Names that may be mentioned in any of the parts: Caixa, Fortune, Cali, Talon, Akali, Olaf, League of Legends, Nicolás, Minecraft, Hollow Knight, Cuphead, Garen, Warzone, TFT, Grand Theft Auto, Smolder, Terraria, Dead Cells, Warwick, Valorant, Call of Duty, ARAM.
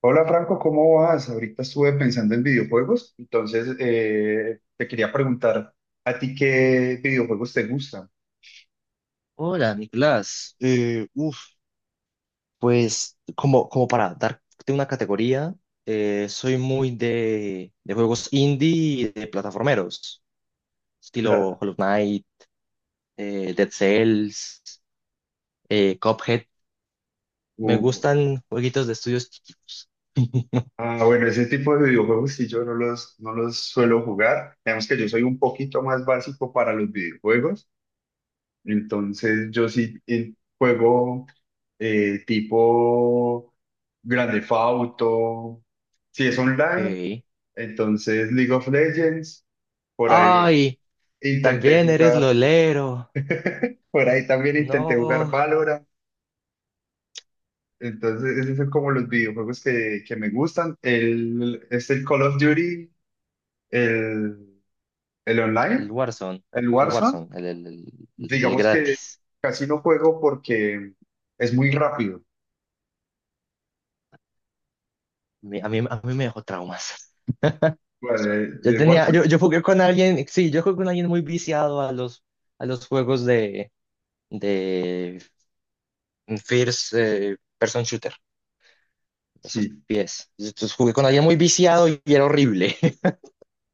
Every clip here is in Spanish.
Hola Franco, ¿cómo vas? Ahorita estuve pensando en videojuegos, entonces te quería preguntar, ¿a ti qué videojuegos te gustan? Hola, Nicolás. Uf, pues como para darte una categoría, soy muy de juegos indie y de plataformeros, Pla- estilo Hollow Knight, Dead Cells, Cuphead. Me u- gustan jueguitos de estudios chiquitos. Ah, bueno, ese tipo de videojuegos sí yo no los suelo jugar. Digamos que yo soy un poquito más básico para los videojuegos, entonces yo sí juego tipo Grand Theft Auto, si es online, Ok. entonces League of Legends, por ahí Ay, intenté también eres jugar. lolero. Por ahí también intenté jugar No, Valorant. Entonces, esos son como los videojuegos que me gustan. Es el Call of Duty, el, el el online, Warzone, el el Warzone. Warzone, el, el- el- el Digamos que gratis. casi no juego porque es muy rápido. A mí me dejó traumas. Bueno, Yo el tenía, Warzone, yo, yo jugué con alguien, sí, yo jugué con alguien muy viciado a los juegos de First Person Shooter, los sí. FPS. Entonces jugué con alguien muy viciado y era horrible.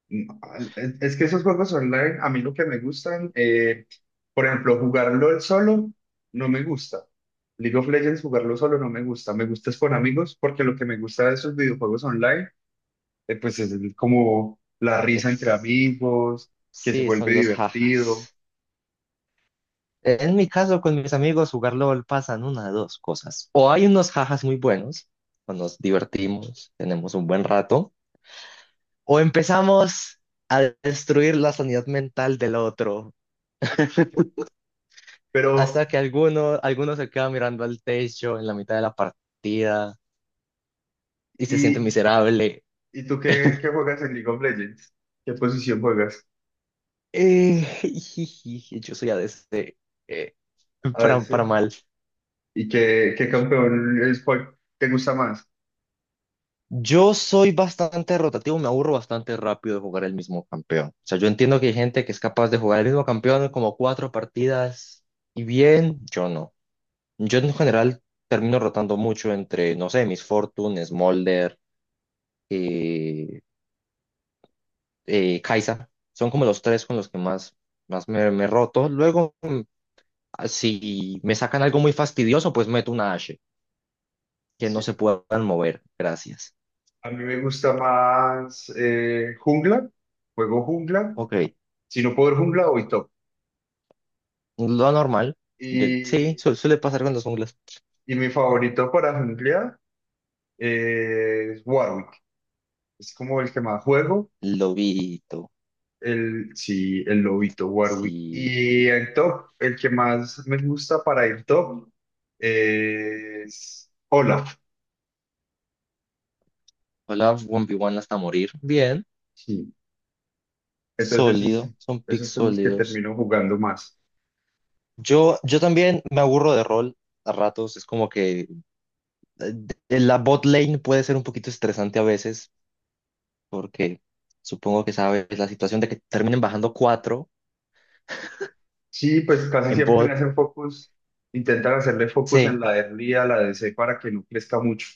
No, Es que esos juegos online, a mí lo que me gustan, por ejemplo, jugarlo el solo, no me gusta. League of Legends, jugarlo solo, no me gusta. Me gusta es con amigos, porque lo que me gusta de esos videojuegos online, pues es como la risa entre Es- amigos, que se sí, vuelve son los divertido. jajas. En mi caso, con mis amigos, jugar LOL pasan una de dos cosas. O hay unos jajas muy buenos, o nos divertimos, tenemos un buen rato, o empezamos a destruir la sanidad mental del otro. Pero, Hasta que alguno se queda mirando al techo en la mitad de la partida y se siente ¿y, miserable. ¿y tú qué juegas en League of Legends? ¿Qué posición juegas Eh, yo soy ADC, eh, a para, veces? para mal. ¿Y qué campeón es, cuál te gusta más? Yo soy bastante rotativo, me aburro bastante rápido de jugar el mismo campeón. O sea, yo entiendo que hay gente que es capaz de jugar el mismo campeón como cuatro partidas y bien, yo no. Yo en general termino rotando mucho entre, no sé, mis Fortune, Smolder, Caixa. Son como los tres con los que más me he roto. Luego, ah, si me sacan algo muy fastidioso, pues meto una H, que no Sí, se puedan mover. Gracias. a mí me gusta más jungla, juego jungla. Ok, Si no puedo ir jungla, voy top. lo normal. Sí, Y, suele pasar con los junglas. y mi favorito para jungla es Warwick. Es como el que más juego. Lobito, El, sí, el lobito Warwick. sí. Y en top, el que más me gusta para ir top es Olaf. Hola, 1v1 hasta morir. Bien, Sí. Entonces, sólido, son picks esos son los que sólidos. termino jugando más. Yo también me aburro de rol a ratos, es como que eh, la bot lane puede ser un poquito estresante a veces porque supongo que sabes la situación de que terminen bajando cuatro Sí, pues casi en siempre le bot. hacen focus, intentan hacerle focus en Sí, la de RI a la DC para que no crezca mucho.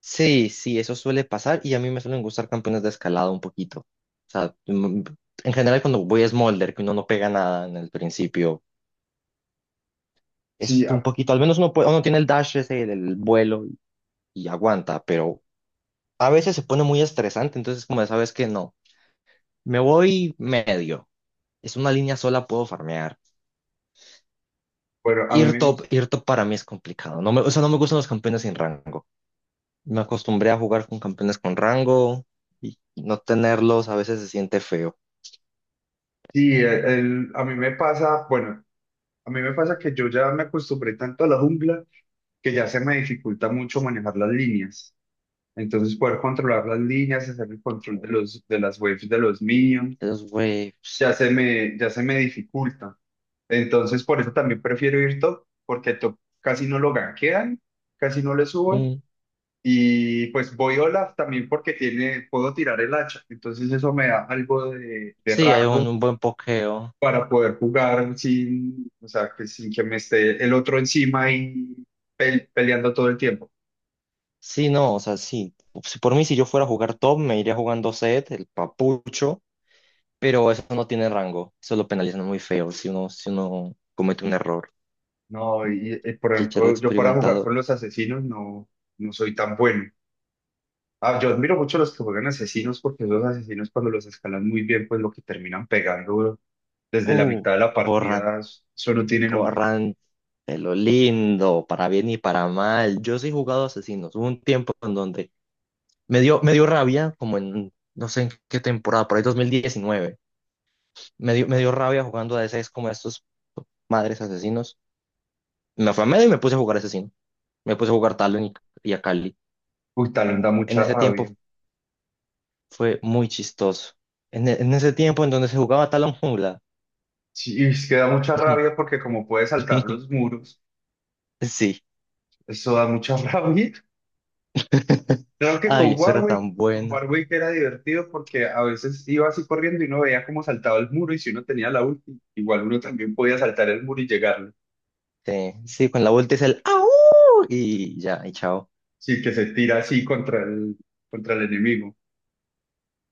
sí, sí, eso suele pasar y a mí me suelen gustar campeones de escalada un poquito. O sea, en general cuando voy a Smolder, que uno no pega nada en el principio, es Sí, un a- poquito, al menos uno, uno tiene el dash ese del vuelo y aguanta, pero a veces se pone muy estresante, entonces como de, sabes que no, me voy medio, es una línea sola, puedo farmear. bueno, a mí Ir me top, gusta. ir top para mí es complicado. O sea, no me gustan los campeones sin rango. Me acostumbré a jugar con campeones con rango y no tenerlos a veces se siente feo. Sí, a mí me pasa, bueno, a mí me pasa que yo ya me acostumbré tanto a la jungla que ya se me dificulta mucho manejar las líneas. Entonces, poder controlar las líneas, hacer el control de de las waves de los minions, Esos waves. Ya se me dificulta. Entonces, por eso también prefiero ir top, porque top casi no lo gankean, casi no le suben. Mm, Y pues voy Olaf también porque tiene, puedo tirar el hacha, entonces eso me da algo de sí, hay un, rango un buen pokeo. para poder jugar sin, o sea, que sin que me esté el otro encima y peleando todo el tiempo. Sí, no, o sea, sí. Si por mí, si yo fuera a jugar top, me iría jugando set, el papucho, pero eso no tiene rango. Eso lo penalizan muy feo si uno comete un error. No, por Y ya lo he ejemplo, yo para jugar con experimentado. los asesinos no soy tan bueno. Ah, yo admiro mucho a los que juegan asesinos porque esos asesinos cuando los escalan muy bien, pues lo que terminan pegando desde la Uh, mitad de la Borran, partida, eso no tiene nombre. borran de lo lindo, para bien y para mal. Yo sí he jugado asesinos. Hubo un tiempo en donde me dio rabia, como en, no sé en qué temporada, por ahí 2019. Me dio rabia jugando a DCs como estos madres asesinos. Me fue a medio y me puse a jugar asesino. Me puse a jugar Talon y a Cali. Uy, talón da mucha En ese rabia. tiempo fue muy chistoso. En ese tiempo en donde se jugaba Talon Jungla. Sí, es que da mucha rabia porque como puede saltar los muros, Sí. eso da mucha rabia. Claro que Ay, eso era tan con bueno. Warwick era divertido porque a veces iba así corriendo y uno veía cómo saltaba el muro y si uno tenía la ulti, igual uno también podía saltar el muro y llegarle. Sí, sí, con la vuelta es el ¡Au! Y ya, y chao. Sí, que se tira así contra contra el enemigo.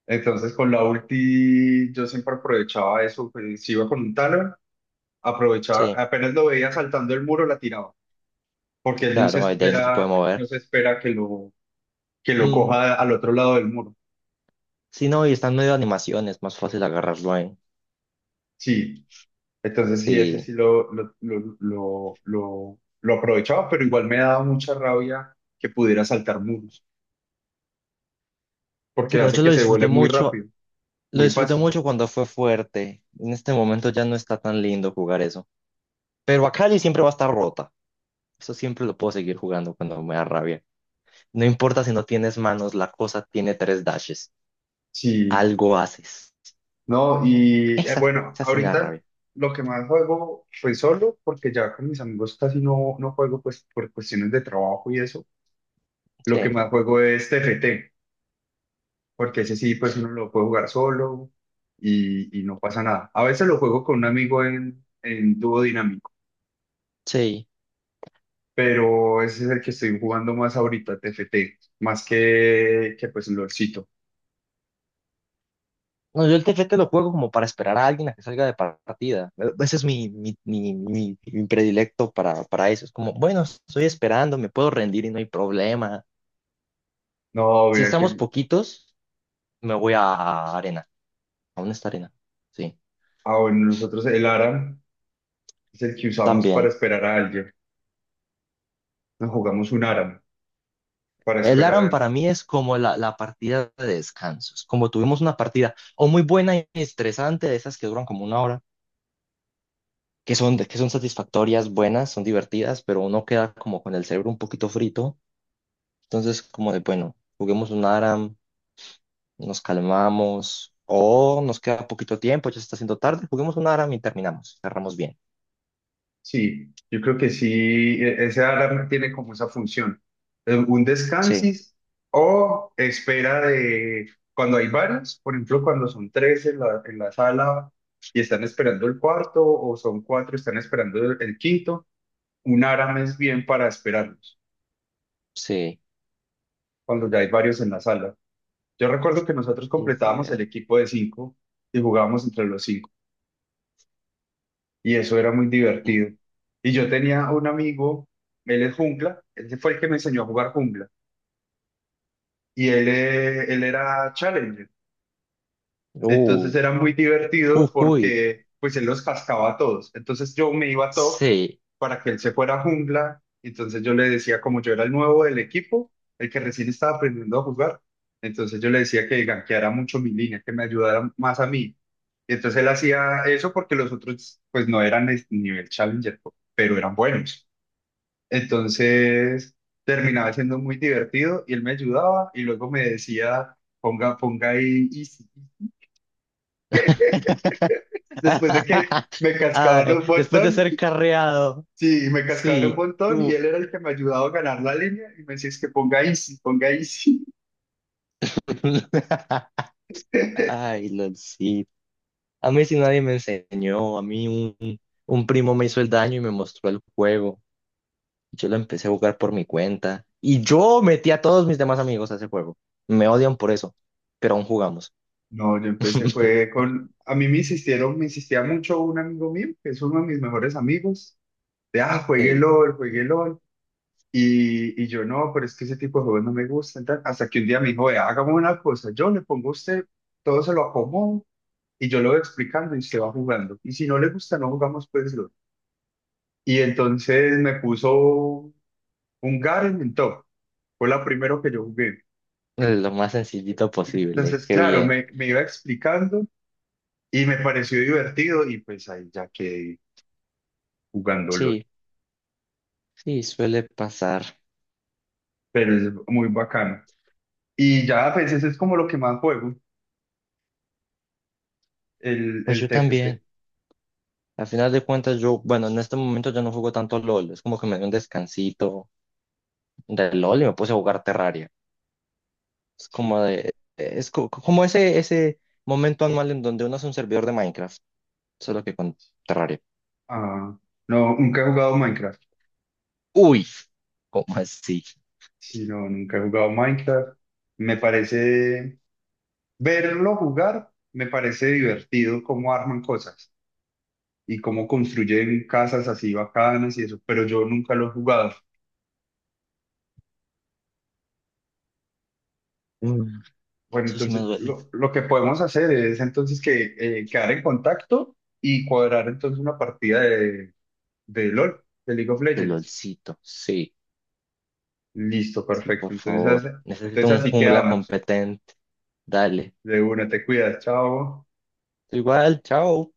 Entonces con la ulti yo siempre aprovechaba eso, pues, si iba con un Talon, aprovechaba, Sí, apenas lo veía saltando el muro, la tiraba, porque él no se claro, ahí de ahí no se puede espera, no mover. se espera que lo Mm. coja al otro lado del muro. Sí, no, y está en medio de animación, es más fácil agarrarlo en. Sí, entonces sí, ese Sí. sí lo aprovechaba, pero igual me daba mucha rabia que pudiera saltar muros, Sí, porque no, hace yo que lo se disfruté vuele muy mucho. rápido, Lo muy disfruté fácil. mucho cuando fue fuerte. En este momento ya no está tan lindo jugar eso. Pero Akali siempre va a estar rota. Eso siempre lo puedo seguir jugando cuando me da rabia. No importa si no tienes manos, la cosa tiene tres dashes. Sí, Algo haces. no, y Esa, bueno, esa sí me da ahorita rabia. lo que más juego fue solo, porque ya con mis amigos casi no juego, pues por cuestiones de trabajo y eso. Lo que Sí. más juego es TFT, porque ese sí, pues uno lo puede jugar solo y no pasa nada. A veces lo juego con un amigo en dúo dinámico, Sí. pero ese es el que estoy jugando más ahorita, TFT, más que pues LOLcito. No, yo el TFT lo juego como para esperar a alguien a que salga de partida. Ese es mi predilecto para eso. Es como, bueno, estoy esperando, me puedo rendir y no hay problema. No, Si mira estamos que, poquitos, me voy a arena. Aún está arena. Sí, ah, bueno, nosotros el ARAM es el que usamos para también. esperar a alguien. Nos jugamos un ARAM para El esperar ARAM a. para mí es como la partida de descansos. Como tuvimos una partida o muy buena y estresante, de esas que duran como una hora, que son satisfactorias, buenas, son divertidas, pero uno queda como con el cerebro un poquito frito. Entonces, como de, bueno, juguemos un ARAM, nos calmamos, o nos queda poquito tiempo, ya se está haciendo tarde, juguemos un ARAM y terminamos, cerramos bien. Sí, yo creo que sí, ese alarma tiene como esa función, un Sí, descansis o espera de cuando hay varios, por ejemplo, cuando son tres en la sala y están esperando el cuarto o son cuatro y están esperando el quinto, un alarma es bien para esperarlos, sí. cuando ya hay varios en la sala. Yo recuerdo que nosotros Sí, es completábamos el ideal. equipo de cinco y jugábamos entre los cinco, y eso era muy Ujú. divertido. Y yo tenía un amigo, él es jungla, él fue el que me enseñó a jugar jungla, y él, él era challenger, Uh, entonces era muy divertido Uy, porque pues él los cascaba a todos. Entonces yo me iba a top sí. para que él se fuera a jungla. Entonces yo le decía, como yo era el nuevo del equipo, el que recién estaba aprendiendo a jugar, entonces yo le decía que gankeara mucho mi línea, que me ayudara más a mí. Y entonces él hacía eso porque los otros pues no eran nivel challenger, pero eran buenos. Entonces terminaba siendo muy divertido y él me ayudaba y luego me decía, ponga ahí easy. Después de que me cascaban Ay, un después de montón, ser carreado, sí, me cascaban un sí, montón y uf. él era el que me ayudaba a ganar la línea y me decía, es que ponga easy, ponga easy. Ay, Lolcito. A mí si nadie me enseñó, a mí un, un primo me hizo el daño y me mostró el juego. Yo lo empecé a jugar por mi cuenta y yo metí a todos mis demás amigos a ese juego. Me odian por eso, pero aún jugamos. No, yo empecé fue con, a mí me insistieron, me insistía mucho un amigo mío, que es uno de mis mejores amigos, de, ah, juegue Sí, LOL, juegue LOL. Y yo no, pero es que ese tipo de juegos no me gustan, tal. Hasta que un día me dijo, vea, hagamos una cosa, yo le pongo a usted, todo se lo acomodo y yo lo voy explicando y se va jugando. Y si no le gusta, no jugamos pues LOL. Y entonces me puso un Garen en top. Fue la primero que yo jugué. lo más sencillito Y posible. entonces, Qué claro, bien. Me iba explicando y me pareció divertido y pues ahí ya quedé jugando LOL. Sí, sí, suele pasar. Pero es muy bacano. Y ya, pues ese es como lo que más juego, Pues el yo TFT. también. Al final de cuentas, yo, bueno, en este momento yo no juego tanto LOL. Es como que me dio un descansito de LOL y me puse a jugar Terraria. Es Sí. como de, como ese momento anual en donde uno es un servidor de Minecraft, solo que con Terraria. Ah, no, nunca he jugado Minecraft. Uy, ¿cómo así? Sí, no, nunca he jugado Minecraft. Me parece, verlo jugar, me parece divertido cómo arman cosas, y cómo construyen casas así bacanas y eso, pero yo nunca lo he jugado. Bueno, Eso sí me entonces duele. Lo que podemos hacer es entonces que quedar en contacto y cuadrar entonces una partida de LOL, de League of De Legends. LOLcito. Sí, Listo, sí, perfecto. por Entonces, favor. Necesito entonces un así jungla quedamos. competente. Dale. De una, te cuidas, chao. Igual, chao.